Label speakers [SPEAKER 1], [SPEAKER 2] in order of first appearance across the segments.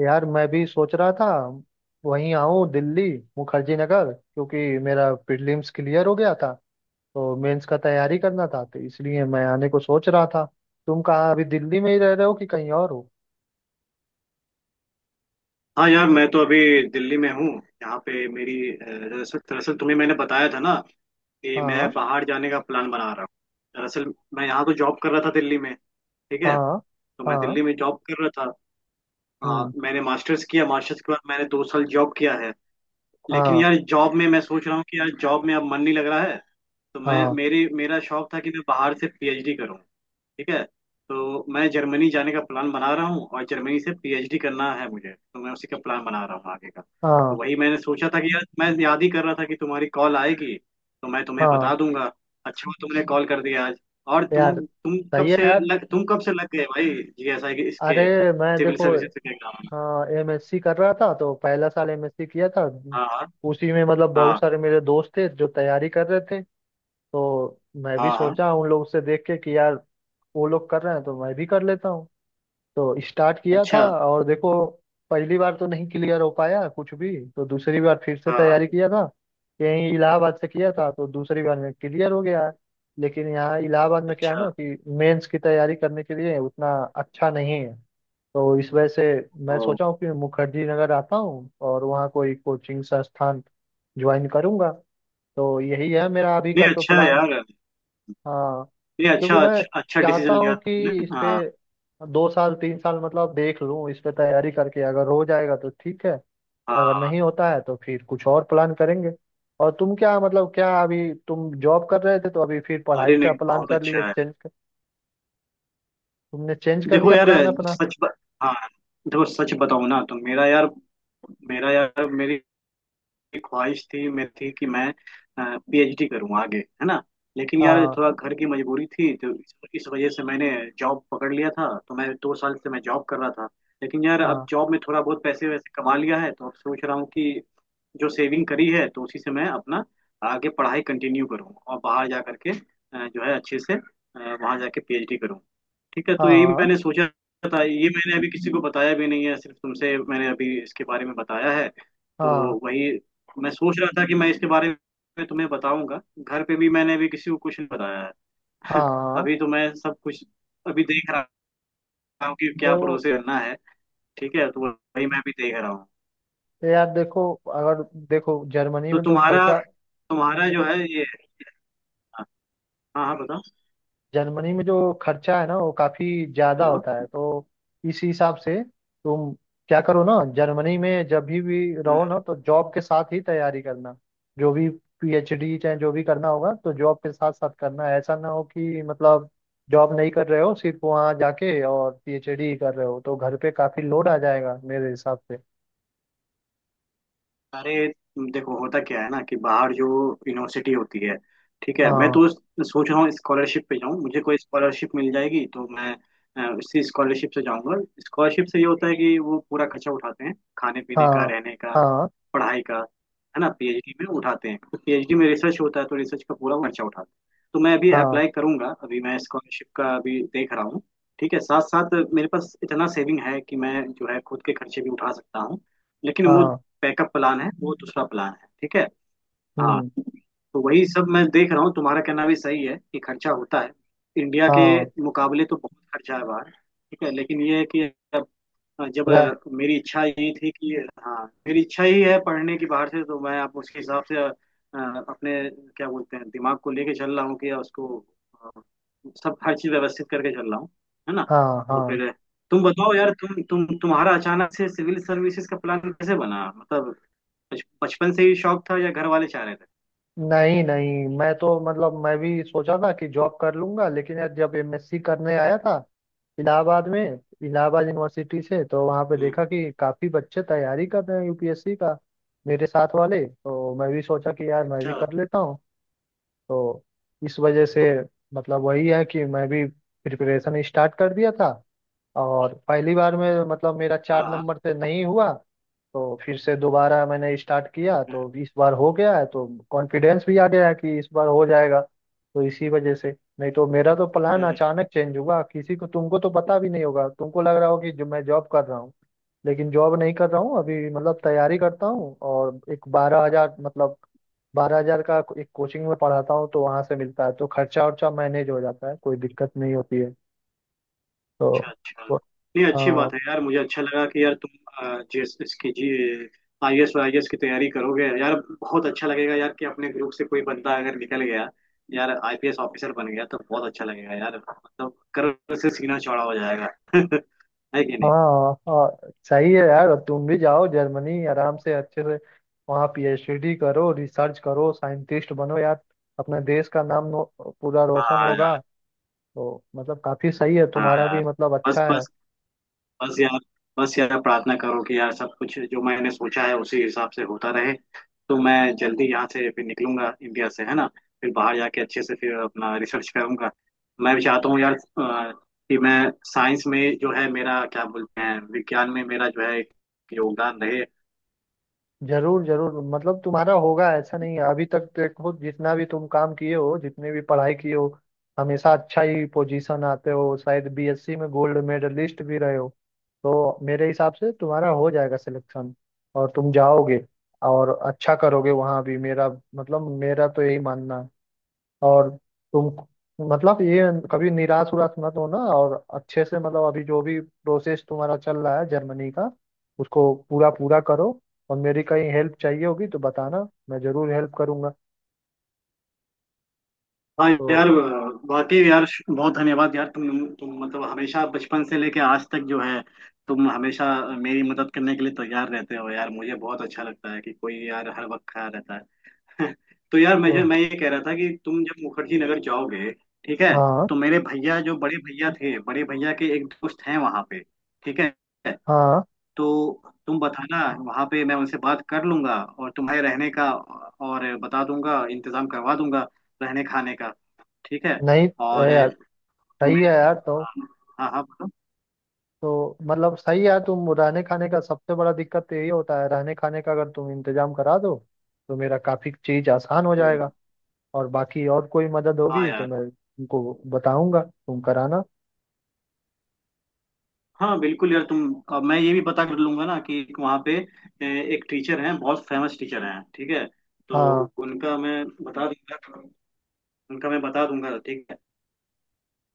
[SPEAKER 1] यार मैं भी सोच रहा था वहीं आऊँ दिल्ली मुखर्जी नगर, क्योंकि मेरा प्रीलिम्स क्लियर हो गया था तो मेंस का तैयारी करना था, तो इसलिए मैं आने को सोच रहा था। तुम कहाँ अभी दिल्ली में ही रह रहे हो कि कहीं और हो?
[SPEAKER 2] हाँ यार, मैं तो अभी दिल्ली में हूँ। यहाँ पे मेरी अ, दरअसल दरअसल तुम्हें मैंने बताया था ना कि मैं
[SPEAKER 1] हाँ।
[SPEAKER 2] बाहर जाने का प्लान बना रहा हूँ। दरअसल मैं यहाँ तो जॉब कर रहा था दिल्ली में। ठीक है।
[SPEAKER 1] हाँ,
[SPEAKER 2] तो मैं
[SPEAKER 1] हाँ।
[SPEAKER 2] दिल्ली में जॉब कर रहा था। हाँ,
[SPEAKER 1] हम्म।
[SPEAKER 2] मैंने मास्टर्स किया, मास्टर्स के बाद मैंने 2 साल जॉब किया है। लेकिन
[SPEAKER 1] हाँ,
[SPEAKER 2] यार जॉब में मैं सोच रहा हूँ कि यार जॉब में अब मन नहीं लग रहा है। तो मैं
[SPEAKER 1] हाँ,
[SPEAKER 2] मेरी मेरा शौक था कि मैं बाहर से पीएचडी करूँ। ठीक है। तो मैं जर्मनी जाने का प्लान बना रहा हूँ और जर्मनी से पीएचडी करना है मुझे, तो मैं उसी का प्लान बना रहा हूँ आगे का। तो
[SPEAKER 1] हाँ।
[SPEAKER 2] वही मैंने सोचा था कि यार मैं याद ही कर रहा था कि तुम्हारी कॉल आएगी तो मैं तुम्हें
[SPEAKER 1] हाँ,
[SPEAKER 2] बता दूंगा। अच्छा हुआ तुमने कॉल कर दिया आज। और
[SPEAKER 1] यार सही है यार।
[SPEAKER 2] तुम कब से लग गए, भाई? जीएसआई के
[SPEAKER 1] अरे,
[SPEAKER 2] इसके
[SPEAKER 1] मैं
[SPEAKER 2] सिविल
[SPEAKER 1] देखो,
[SPEAKER 2] सर्विसेज के एग्जाम में।
[SPEAKER 1] हाँ एमएससी कर रहा था तो पहला साल एमएससी किया था।
[SPEAKER 2] हाँ हाँ
[SPEAKER 1] उसी में मतलब बहुत
[SPEAKER 2] हाँ
[SPEAKER 1] सारे मेरे दोस्त थे जो तैयारी कर रहे थे, तो मैं भी
[SPEAKER 2] हाँ हाँ।
[SPEAKER 1] सोचा उन लोग से देख के कि यार वो लोग कर रहे हैं तो मैं भी कर लेता हूँ, तो स्टार्ट किया था।
[SPEAKER 2] अच्छा।
[SPEAKER 1] और देखो, पहली बार तो नहीं क्लियर हो पाया कुछ भी, तो दूसरी बार फिर से
[SPEAKER 2] हाँ हाँ।
[SPEAKER 1] तैयारी किया था, यहीं इलाहाबाद से किया था, तो दूसरी बार में क्लियर हो गया। लेकिन यहाँ इलाहाबाद में क्या है
[SPEAKER 2] अच्छा।
[SPEAKER 1] ना कि मेंस की तैयारी करने के लिए उतना अच्छा नहीं है, तो इस वजह से मैं
[SPEAKER 2] ओ।
[SPEAKER 1] सोचा हूँ कि मुखर्जी नगर आता हूँ और वहाँ कोई कोचिंग संस्थान ज्वाइन करूँगा। तो यही है मेरा अभी
[SPEAKER 2] नहीं,
[SPEAKER 1] का तो
[SPEAKER 2] अच्छा है
[SPEAKER 1] प्लान।
[SPEAKER 2] यार।
[SPEAKER 1] हाँ।
[SPEAKER 2] नहीं,
[SPEAKER 1] क्योंकि
[SPEAKER 2] अच्छा
[SPEAKER 1] मैं
[SPEAKER 2] अच्छा अच्छा डिसीजन
[SPEAKER 1] चाहता
[SPEAKER 2] लिया
[SPEAKER 1] हूँ कि
[SPEAKER 2] तुमने।
[SPEAKER 1] इस पे
[SPEAKER 2] हाँ।
[SPEAKER 1] 2 साल 3 साल मतलब देख लूँ, इस पे तैयारी करके अगर हो जाएगा तो ठीक है, अगर
[SPEAKER 2] हाँ।
[SPEAKER 1] नहीं होता है तो फिर कुछ और प्लान करेंगे। और तुम क्या मतलब क्या अभी तुम जॉब कर रहे थे तो अभी फिर पढ़ाई
[SPEAKER 2] अरे
[SPEAKER 1] का
[SPEAKER 2] नहीं,
[SPEAKER 1] प्लान
[SPEAKER 2] बहुत
[SPEAKER 1] कर लिए
[SPEAKER 2] अच्छा है।
[SPEAKER 1] तुमने चेंज कर
[SPEAKER 2] देखो
[SPEAKER 1] लिया
[SPEAKER 2] यार,
[SPEAKER 1] प्लान अपना?
[SPEAKER 2] सच ब... हाँ देखो सच बताऊँ ना तो मेरा यार मेरी ख्वाहिश थी, मेरी थी कि मैं पीएचडी करूँ आगे, है ना। लेकिन यार
[SPEAKER 1] हाँ,
[SPEAKER 2] थोड़ा घर की मजबूरी थी, तो इस वजह से मैंने जॉब पकड़ लिया था, तो मैं 2 साल से मैं जॉब कर रहा था। लेकिन यार अब
[SPEAKER 1] हाँ,
[SPEAKER 2] जॉब में थोड़ा बहुत पैसे वैसे कमा लिया है, तो अब सोच रहा हूँ कि जो सेविंग करी है तो उसी से मैं अपना आगे पढ़ाई कंटिन्यू करूँ और बाहर जा करके जो है अच्छे से, वहाँ जाके पीएचडी करूँ। ठीक है। तो यही
[SPEAKER 1] हाँ,
[SPEAKER 2] मैंने सोचा था। ये मैंने अभी किसी को बताया भी नहीं है, सिर्फ तुमसे मैंने अभी इसके बारे में बताया है।
[SPEAKER 1] हाँ,
[SPEAKER 2] तो वही मैं सोच रहा था कि मैं इसके बारे में तुम्हें बताऊंगा। घर पे भी मैंने अभी किसी को कुछ नहीं बताया है।
[SPEAKER 1] हाँ।
[SPEAKER 2] अभी तो मैं सब कुछ अभी देख रहा हूँ कि क्या
[SPEAKER 1] तो
[SPEAKER 2] प्रोसेस करना है। ठीक है, तो वही मैं भी देख रहा हूँ।
[SPEAKER 1] यार देखो, अगर देखो जर्मनी
[SPEAKER 2] तो
[SPEAKER 1] में तो
[SPEAKER 2] तुम्हारा
[SPEAKER 1] खर्चा,
[SPEAKER 2] तुम्हारा जो है ये। हाँ। हाँ। हाँ, बताओ।
[SPEAKER 1] जर्मनी में जो खर्चा है ना वो काफी ज्यादा
[SPEAKER 2] हेलो।
[SPEAKER 1] होता है, तो इस हिसाब से तुम क्या करो ना जर्मनी में जब भी रहो ना
[SPEAKER 2] हम्म।
[SPEAKER 1] तो जॉब के साथ ही तैयारी करना। जो भी पीएचडी चाहे जो भी करना होगा तो जॉब के साथ साथ करना है, ऐसा ना हो कि मतलब जॉब नहीं कर रहे हो सिर्फ वहाँ जाके और पीएचडी ही कर रहे हो तो घर पे काफी लोड आ जाएगा मेरे हिसाब से।
[SPEAKER 2] अरे, देखो होता क्या है ना कि बाहर जो यूनिवर्सिटी होती है, ठीक है। मैं
[SPEAKER 1] हाँ,
[SPEAKER 2] तो सोच रहा हूँ स्कॉलरशिप पे जाऊँ, मुझे कोई स्कॉलरशिप मिल जाएगी तो मैं उसी स्कॉलरशिप से जाऊँगा। स्कॉलरशिप से ये होता है कि वो पूरा खर्चा उठाते हैं, खाने पीने का,
[SPEAKER 1] हाँ,
[SPEAKER 2] रहने का,
[SPEAKER 1] हाँ,
[SPEAKER 2] पढ़ाई का, है ना, पीएचडी में उठाते हैं, तो पीएचडी में रिसर्च होता है तो रिसर्च का पूरा खर्चा उठाते हैं। तो मैं अभी
[SPEAKER 1] हाँ,
[SPEAKER 2] अप्लाई करूंगा, अभी मैं स्कॉलरशिप का अभी देख रहा हूँ। ठीक है, साथ साथ मेरे पास इतना सेविंग है कि मैं जो है खुद के खर्चे भी उठा सकता हूँ, लेकिन वो
[SPEAKER 1] हाँ।
[SPEAKER 2] बैकअप प्लान है, वो दूसरा प्लान है। ठीक है। हाँ।
[SPEAKER 1] हम्म।
[SPEAKER 2] तो वही सब मैं देख रहा हूँ। तुम्हारा कहना भी सही है कि खर्चा होता है, इंडिया के
[SPEAKER 1] हाँ।
[SPEAKER 2] मुकाबले तो बहुत खर्चा है बाहर, ठीक है। लेकिन ये है कि अब
[SPEAKER 1] रह-
[SPEAKER 2] मेरी इच्छा ये थी कि, हाँ, मेरी इच्छा ही है पढ़ने की बाहर से, तो मैं आप उसके हिसाब से अपने क्या बोलते हैं दिमाग को लेके चल रहा हूँ कि उसको, अ, सब हर चीज व्यवस्थित करके चल रहा हूँ, है ना।
[SPEAKER 1] हाँ,
[SPEAKER 2] तो
[SPEAKER 1] हाँ।
[SPEAKER 2] फिर तुम बताओ यार, तुम्हारा अचानक से सिविल सर्विसेज का प्लान कैसे बना, मतलब बचपन से ही शौक था या घर वाले चाह रहे थे?
[SPEAKER 1] नहीं, नहीं, मैं तो मतलब मैं भी सोचा था कि जॉब कर लूंगा, लेकिन यार जब एमएससी करने आया था इलाहाबाद में, इलाहाबाद यूनिवर्सिटी से, तो वहाँ पे
[SPEAKER 2] हम्म।
[SPEAKER 1] देखा कि काफी बच्चे तैयारी कर रहे हैं यूपीएससी का, मेरे साथ वाले, तो मैं भी सोचा कि यार मैं भी
[SPEAKER 2] अच्छा।
[SPEAKER 1] कर लेता हूँ। तो इस वजह से मतलब वही है कि मैं भी प्रिपरेशन स्टार्ट कर दिया था। और पहली बार में मतलब मेरा
[SPEAKER 2] हाँ
[SPEAKER 1] चार
[SPEAKER 2] हाँ।
[SPEAKER 1] नंबर से नहीं हुआ, तो फिर से दोबारा मैंने स्टार्ट किया,
[SPEAKER 2] हम्म।
[SPEAKER 1] तो इस बार हो गया है, तो कॉन्फिडेंस भी आ गया है कि इस बार हो जाएगा। तो इसी वजह से, नहीं तो मेरा तो प्लान
[SPEAKER 2] हम्म।
[SPEAKER 1] अचानक चेंज हुआ, किसी को तुमको तो पता भी नहीं होगा, तुमको लग रहा हो कि जो मैं जॉब कर रहा हूँ, लेकिन जॉब नहीं कर रहा हूँ अभी, मतलब तैयारी करता हूँ और एक 12,000 मतलब 12,000 का एक कोचिंग में पढ़ाता हूँ, तो वहां से मिलता है, तो खर्चा वर्चा मैनेज हो जाता है, कोई दिक्कत नहीं होती है। तो
[SPEAKER 2] अच्छा अच्छा।
[SPEAKER 1] वो-
[SPEAKER 2] नहीं, अच्छी
[SPEAKER 1] हाँ,
[SPEAKER 2] बात है यार, मुझे अच्छा लगा कि यार तुम अ, जिस इसकी जी आई एस और आई एस की तैयारी करोगे यार। बहुत अच्छा लगेगा यार कि अपने ग्रुप से कोई बंदा अगर निकल गया यार, आईपीएस ऑफिसर बन गया तो बहुत अच्छा लगेगा यार, मतलब कर्व से सीना चौड़ा हो जाएगा। है कि नहीं?
[SPEAKER 1] हाँ, हाँ, सही है यार, अब तुम भी जाओ जर्मनी आराम से अच्छे से, वहाँ पीएचडी करो रिसर्च करो साइंटिस्ट बनो यार, अपने देश का नाम पूरा रोशन
[SPEAKER 2] हाँ यार।
[SPEAKER 1] होगा। तो मतलब काफी सही है
[SPEAKER 2] हाँ
[SPEAKER 1] तुम्हारा
[SPEAKER 2] यार।
[SPEAKER 1] भी, मतलब
[SPEAKER 2] बस
[SPEAKER 1] अच्छा है।
[SPEAKER 2] बस बस यार, बस यार प्रार्थना करो कि यार सब कुछ जो मैंने सोचा है उसी हिसाब से होता रहे। तो मैं जल्दी यहाँ से फिर निकलूंगा इंडिया से, है ना। फिर बाहर जाके अच्छे से फिर अपना रिसर्च करूंगा। मैं भी चाहता हूँ यार, कि मैं साइंस में जो है मेरा क्या बोलते हैं विज्ञान में मेरा जो है एक योगदान रहे।
[SPEAKER 1] जरूर, जरूर, मतलब तुम्हारा होगा, ऐसा नहीं है, अभी तक देखो जितना भी तुम काम किए हो जितने भी पढ़ाई किए हो हमेशा अच्छा ही पोजीशन आते हो, शायद बीएससी में गोल्ड मेडलिस्ट भी रहे हो। तो मेरे हिसाब से तुम्हारा हो जाएगा सिलेक्शन, और तुम जाओगे और अच्छा करोगे वहां भी, मेरा मतलब, मेरा तो यही मानना है। और तुम मतलब ये कभी निराश उराश मत होना, और अच्छे से मतलब अभी जो भी प्रोसेस तुम्हारा चल रहा है जर्मनी का, उसको पूरा पूरा करो, और मेरी कहीं हेल्प चाहिए होगी तो बताना, मैं जरूर हेल्प करूंगा।
[SPEAKER 2] हाँ
[SPEAKER 1] तो,
[SPEAKER 2] यार। वाकई यार बहुत धन्यवाद यार, तुम मतलब हमेशा बचपन से लेके आज तक जो है तुम हमेशा मेरी मदद करने के लिए तैयार रहते हो यार, मुझे बहुत अच्छा लगता है कि कोई यार हर वक्त खड़ा रहता है। तो यार मैं
[SPEAKER 1] तो,
[SPEAKER 2] जो मैं ये कह रहा था कि तुम जब मुखर्जी नगर जाओगे, ठीक है,
[SPEAKER 1] हाँ,
[SPEAKER 2] तो मेरे भैया जो बड़े भैया थे, बड़े भैया के एक दोस्त हैं वहां पे, ठीक है।
[SPEAKER 1] हाँ,
[SPEAKER 2] तो तुम बताना वहां पे, मैं उनसे बात कर लूंगा और तुम्हारे रहने का और बता दूंगा, इंतजाम करवा दूंगा रहने खाने का, ठीक है।
[SPEAKER 1] नहीं है
[SPEAKER 2] और
[SPEAKER 1] यार, सही है
[SPEAKER 2] तुम्हें।
[SPEAKER 1] यार। तो
[SPEAKER 2] हाँ हाँ हाँ, बोलो।
[SPEAKER 1] तो मतलब सही है यार, तुम रहने खाने का सबसे बड़ा दिक्कत यही होता है, रहने खाने का अगर तुम इंतजाम करा दो तो मेरा काफी चीज आसान हो
[SPEAKER 2] हम्म।
[SPEAKER 1] जाएगा, और बाकी और कोई मदद
[SPEAKER 2] हाँ
[SPEAKER 1] होगी तो
[SPEAKER 2] यार।
[SPEAKER 1] मैं तुमको बताऊंगा, तुम कराना।
[SPEAKER 2] हाँ, बिल्कुल यार तुम। अब मैं ये भी पता कर लूंगा ना कि एक वहाँ पे, ए, एक टीचर हैं, बहुत फेमस टीचर हैं, ठीक है। तो
[SPEAKER 1] हाँ,
[SPEAKER 2] उनका मैं बता दूंगा, उनका मैं बता दूंगा, ठीक है।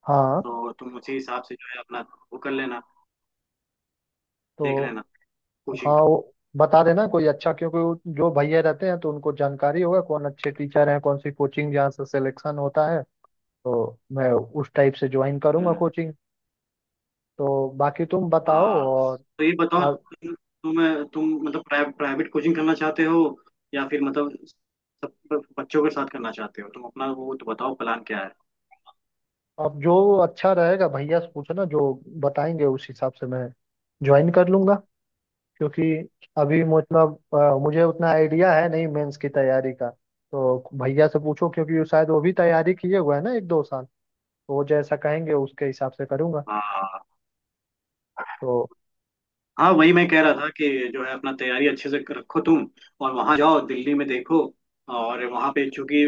[SPEAKER 1] हाँ।
[SPEAKER 2] तो तुम उसी हिसाब से जो है अपना वो कर लेना, देख
[SPEAKER 1] तो
[SPEAKER 2] लेना
[SPEAKER 1] हाँ,
[SPEAKER 2] कोचिंग का।
[SPEAKER 1] वो बता देना कोई अच्छा, क्योंकि वो जो भैया रहते हैं तो उनको जानकारी होगा कौन अच्छे टीचर हैं कौन सी कोचिंग जहाँ से सिलेक्शन होता है, तो मैं उस टाइप से ज्वाइन करूंगा
[SPEAKER 2] हम्म।
[SPEAKER 1] कोचिंग। तो बाकी तुम बताओ
[SPEAKER 2] हाँ,
[SPEAKER 1] और।
[SPEAKER 2] तो ये बताओ,
[SPEAKER 1] अब
[SPEAKER 2] तुम मतलब प्राइवेट कोचिंग करना चाहते हो या फिर मतलब सब बच्चों के साथ करना चाहते हो? तुम अपना वो तो बताओ, प्लान क्या है?
[SPEAKER 1] अब जो अच्छा रहेगा भैया से पूछना, जो बताएंगे उस हिसाब से मैं ज्वाइन कर लूंगा, क्योंकि अभी मतलब मुझे उतना आइडिया है नहीं मेंस की तैयारी का, तो भैया से पूछो क्योंकि शायद वो भी तैयारी किए हुआ है ना 1-2 साल, तो वो जैसा कहेंगे उसके हिसाब से करूँगा।
[SPEAKER 2] हाँ
[SPEAKER 1] तो,
[SPEAKER 2] हाँ, वही मैं कह रहा था कि जो है अपना तैयारी अच्छे से रखो तुम और वहां जाओ दिल्ली में देखो। और वहां पे चूंकि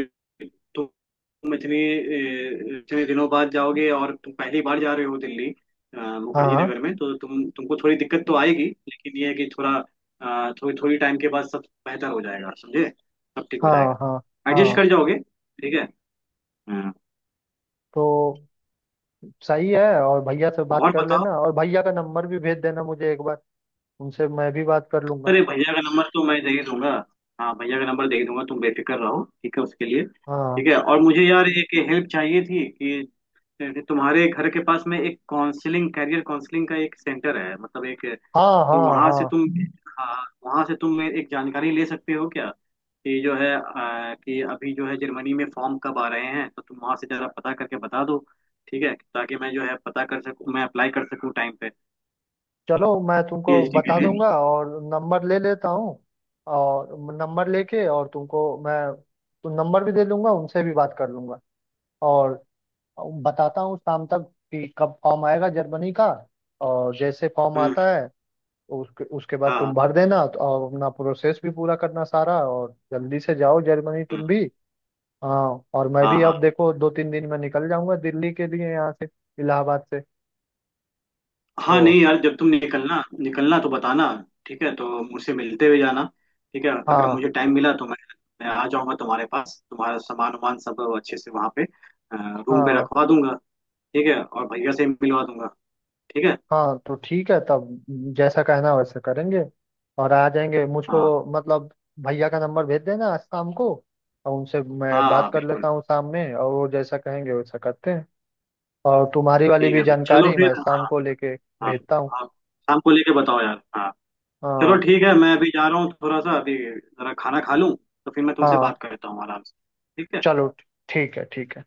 [SPEAKER 2] तुम इतने दिनों बाद जाओगे और तुम पहली बार जा रहे हो दिल्ली, मुखर्जी
[SPEAKER 1] हाँ,
[SPEAKER 2] नगर में, तो तुमको थोड़ी दिक्कत तो आएगी, लेकिन ये है कि थोड़ी थोड़ी टाइम के बाद सब बेहतर हो जाएगा, समझे। सब ठीक हो जाएगा,
[SPEAKER 1] हाँ, हाँ,
[SPEAKER 2] एडजस्ट
[SPEAKER 1] हाँ,
[SPEAKER 2] कर जाओगे, ठीक है। हाँ।
[SPEAKER 1] तो सही है, और भैया से बात
[SPEAKER 2] और
[SPEAKER 1] कर
[SPEAKER 2] बताओ।
[SPEAKER 1] लेना और भैया का नंबर भी भेज देना मुझे एक बार, उनसे मैं भी बात कर लूंगा।
[SPEAKER 2] अरे, भैया का नंबर तो मैं दे ही दूंगा। हाँ, भैया का नंबर दे ही दूंगा, तुम बेफिक्र रहो, ठीक है उसके लिए।
[SPEAKER 1] हाँ,
[SPEAKER 2] ठीक है। और मुझे यार एक हेल्प चाहिए थी कि तुम्हारे घर के पास में एक काउंसलिंग कैरियर काउंसलिंग का एक सेंटर है, मतलब एक।
[SPEAKER 1] हाँ,
[SPEAKER 2] तो
[SPEAKER 1] हाँ,
[SPEAKER 2] वहां से
[SPEAKER 1] हाँ,
[SPEAKER 2] तुम हाँ, वहां से तुम एक जानकारी ले सकते हो क्या कि जो है, कि अभी जो है जर्मनी में फॉर्म कब आ रहे हैं, तो तुम वहां से जरा पता करके बता दो, ठीक है, ताकि मैं जो है पता कर सकूं, मैं अप्लाई कर सकूं टाइम पे
[SPEAKER 1] चलो मैं तुमको
[SPEAKER 2] पीएचडी के
[SPEAKER 1] बता
[SPEAKER 2] लिए।
[SPEAKER 1] दूंगा, और नंबर ले लेता हूँ और नंबर लेके और तुमको मैं तो नंबर भी दे दूंगा, उनसे भी बात कर लूंगा और बताता हूँ शाम तक कि कब फॉर्म आएगा जर्मनी का, और जैसे फॉर्म
[SPEAKER 2] हम्म।
[SPEAKER 1] आता है उसके उसके बाद तुम
[SPEAKER 2] हाँ।
[SPEAKER 1] भर देना, और अपना प्रोसेस भी पूरा करना सारा, और जल्दी से जाओ जर्मनी
[SPEAKER 2] हम्म।
[SPEAKER 1] तुम भी। हाँ, और मैं
[SPEAKER 2] हाँ
[SPEAKER 1] भी
[SPEAKER 2] हाँ।
[SPEAKER 1] अब देखो 2-3 दिन में निकल जाऊंगा दिल्ली के लिए यहाँ से, इलाहाबाद से।
[SPEAKER 2] हाँ,
[SPEAKER 1] तो,
[SPEAKER 2] नहीं यार, जब तुम निकलना निकलना तो बताना, ठीक है, तो मुझसे मिलते हुए जाना, ठीक है, अगर
[SPEAKER 1] हाँ,
[SPEAKER 2] मुझे टाइम मिला तो मैं आ जाऊंगा तुम्हारे पास, तुम्हारा सामान वामान सब अच्छे से वहाँ पे रूम पे
[SPEAKER 1] हाँ,
[SPEAKER 2] रखवा दूंगा, ठीक है, और भैया से मिलवा दूंगा, ठीक है।
[SPEAKER 1] हाँ। तो ठीक है तब, जैसा कहना वैसा करेंगे और आ जाएंगे मुझको,
[SPEAKER 2] हाँ
[SPEAKER 1] मतलब भैया का नंबर भेज देना आज शाम को, और उनसे मैं
[SPEAKER 2] हाँ।
[SPEAKER 1] बात
[SPEAKER 2] हाँ,
[SPEAKER 1] कर लेता
[SPEAKER 2] बिल्कुल।
[SPEAKER 1] हूँ शाम में, और वो जैसा कहेंगे वैसा करते हैं, और तुम्हारी वाली
[SPEAKER 2] ठीक
[SPEAKER 1] भी
[SPEAKER 2] है भाई, चलो
[SPEAKER 1] जानकारी
[SPEAKER 2] फिर।
[SPEAKER 1] मैं शाम
[SPEAKER 2] हाँ।
[SPEAKER 1] को लेके
[SPEAKER 2] हाँ।
[SPEAKER 1] भेजता हूँ।
[SPEAKER 2] आप शाम को लेके बताओ यार। हाँ। चलो
[SPEAKER 1] हाँ,
[SPEAKER 2] ठीक है, मैं अभी जा रहा हूँ, थोड़ा सा अभी जरा खाना खा लूँ, तो फिर मैं तुमसे
[SPEAKER 1] हाँ,
[SPEAKER 2] बात करता हूँ आराम से। ठीक है।
[SPEAKER 1] चलो ठीक है, ठीक है।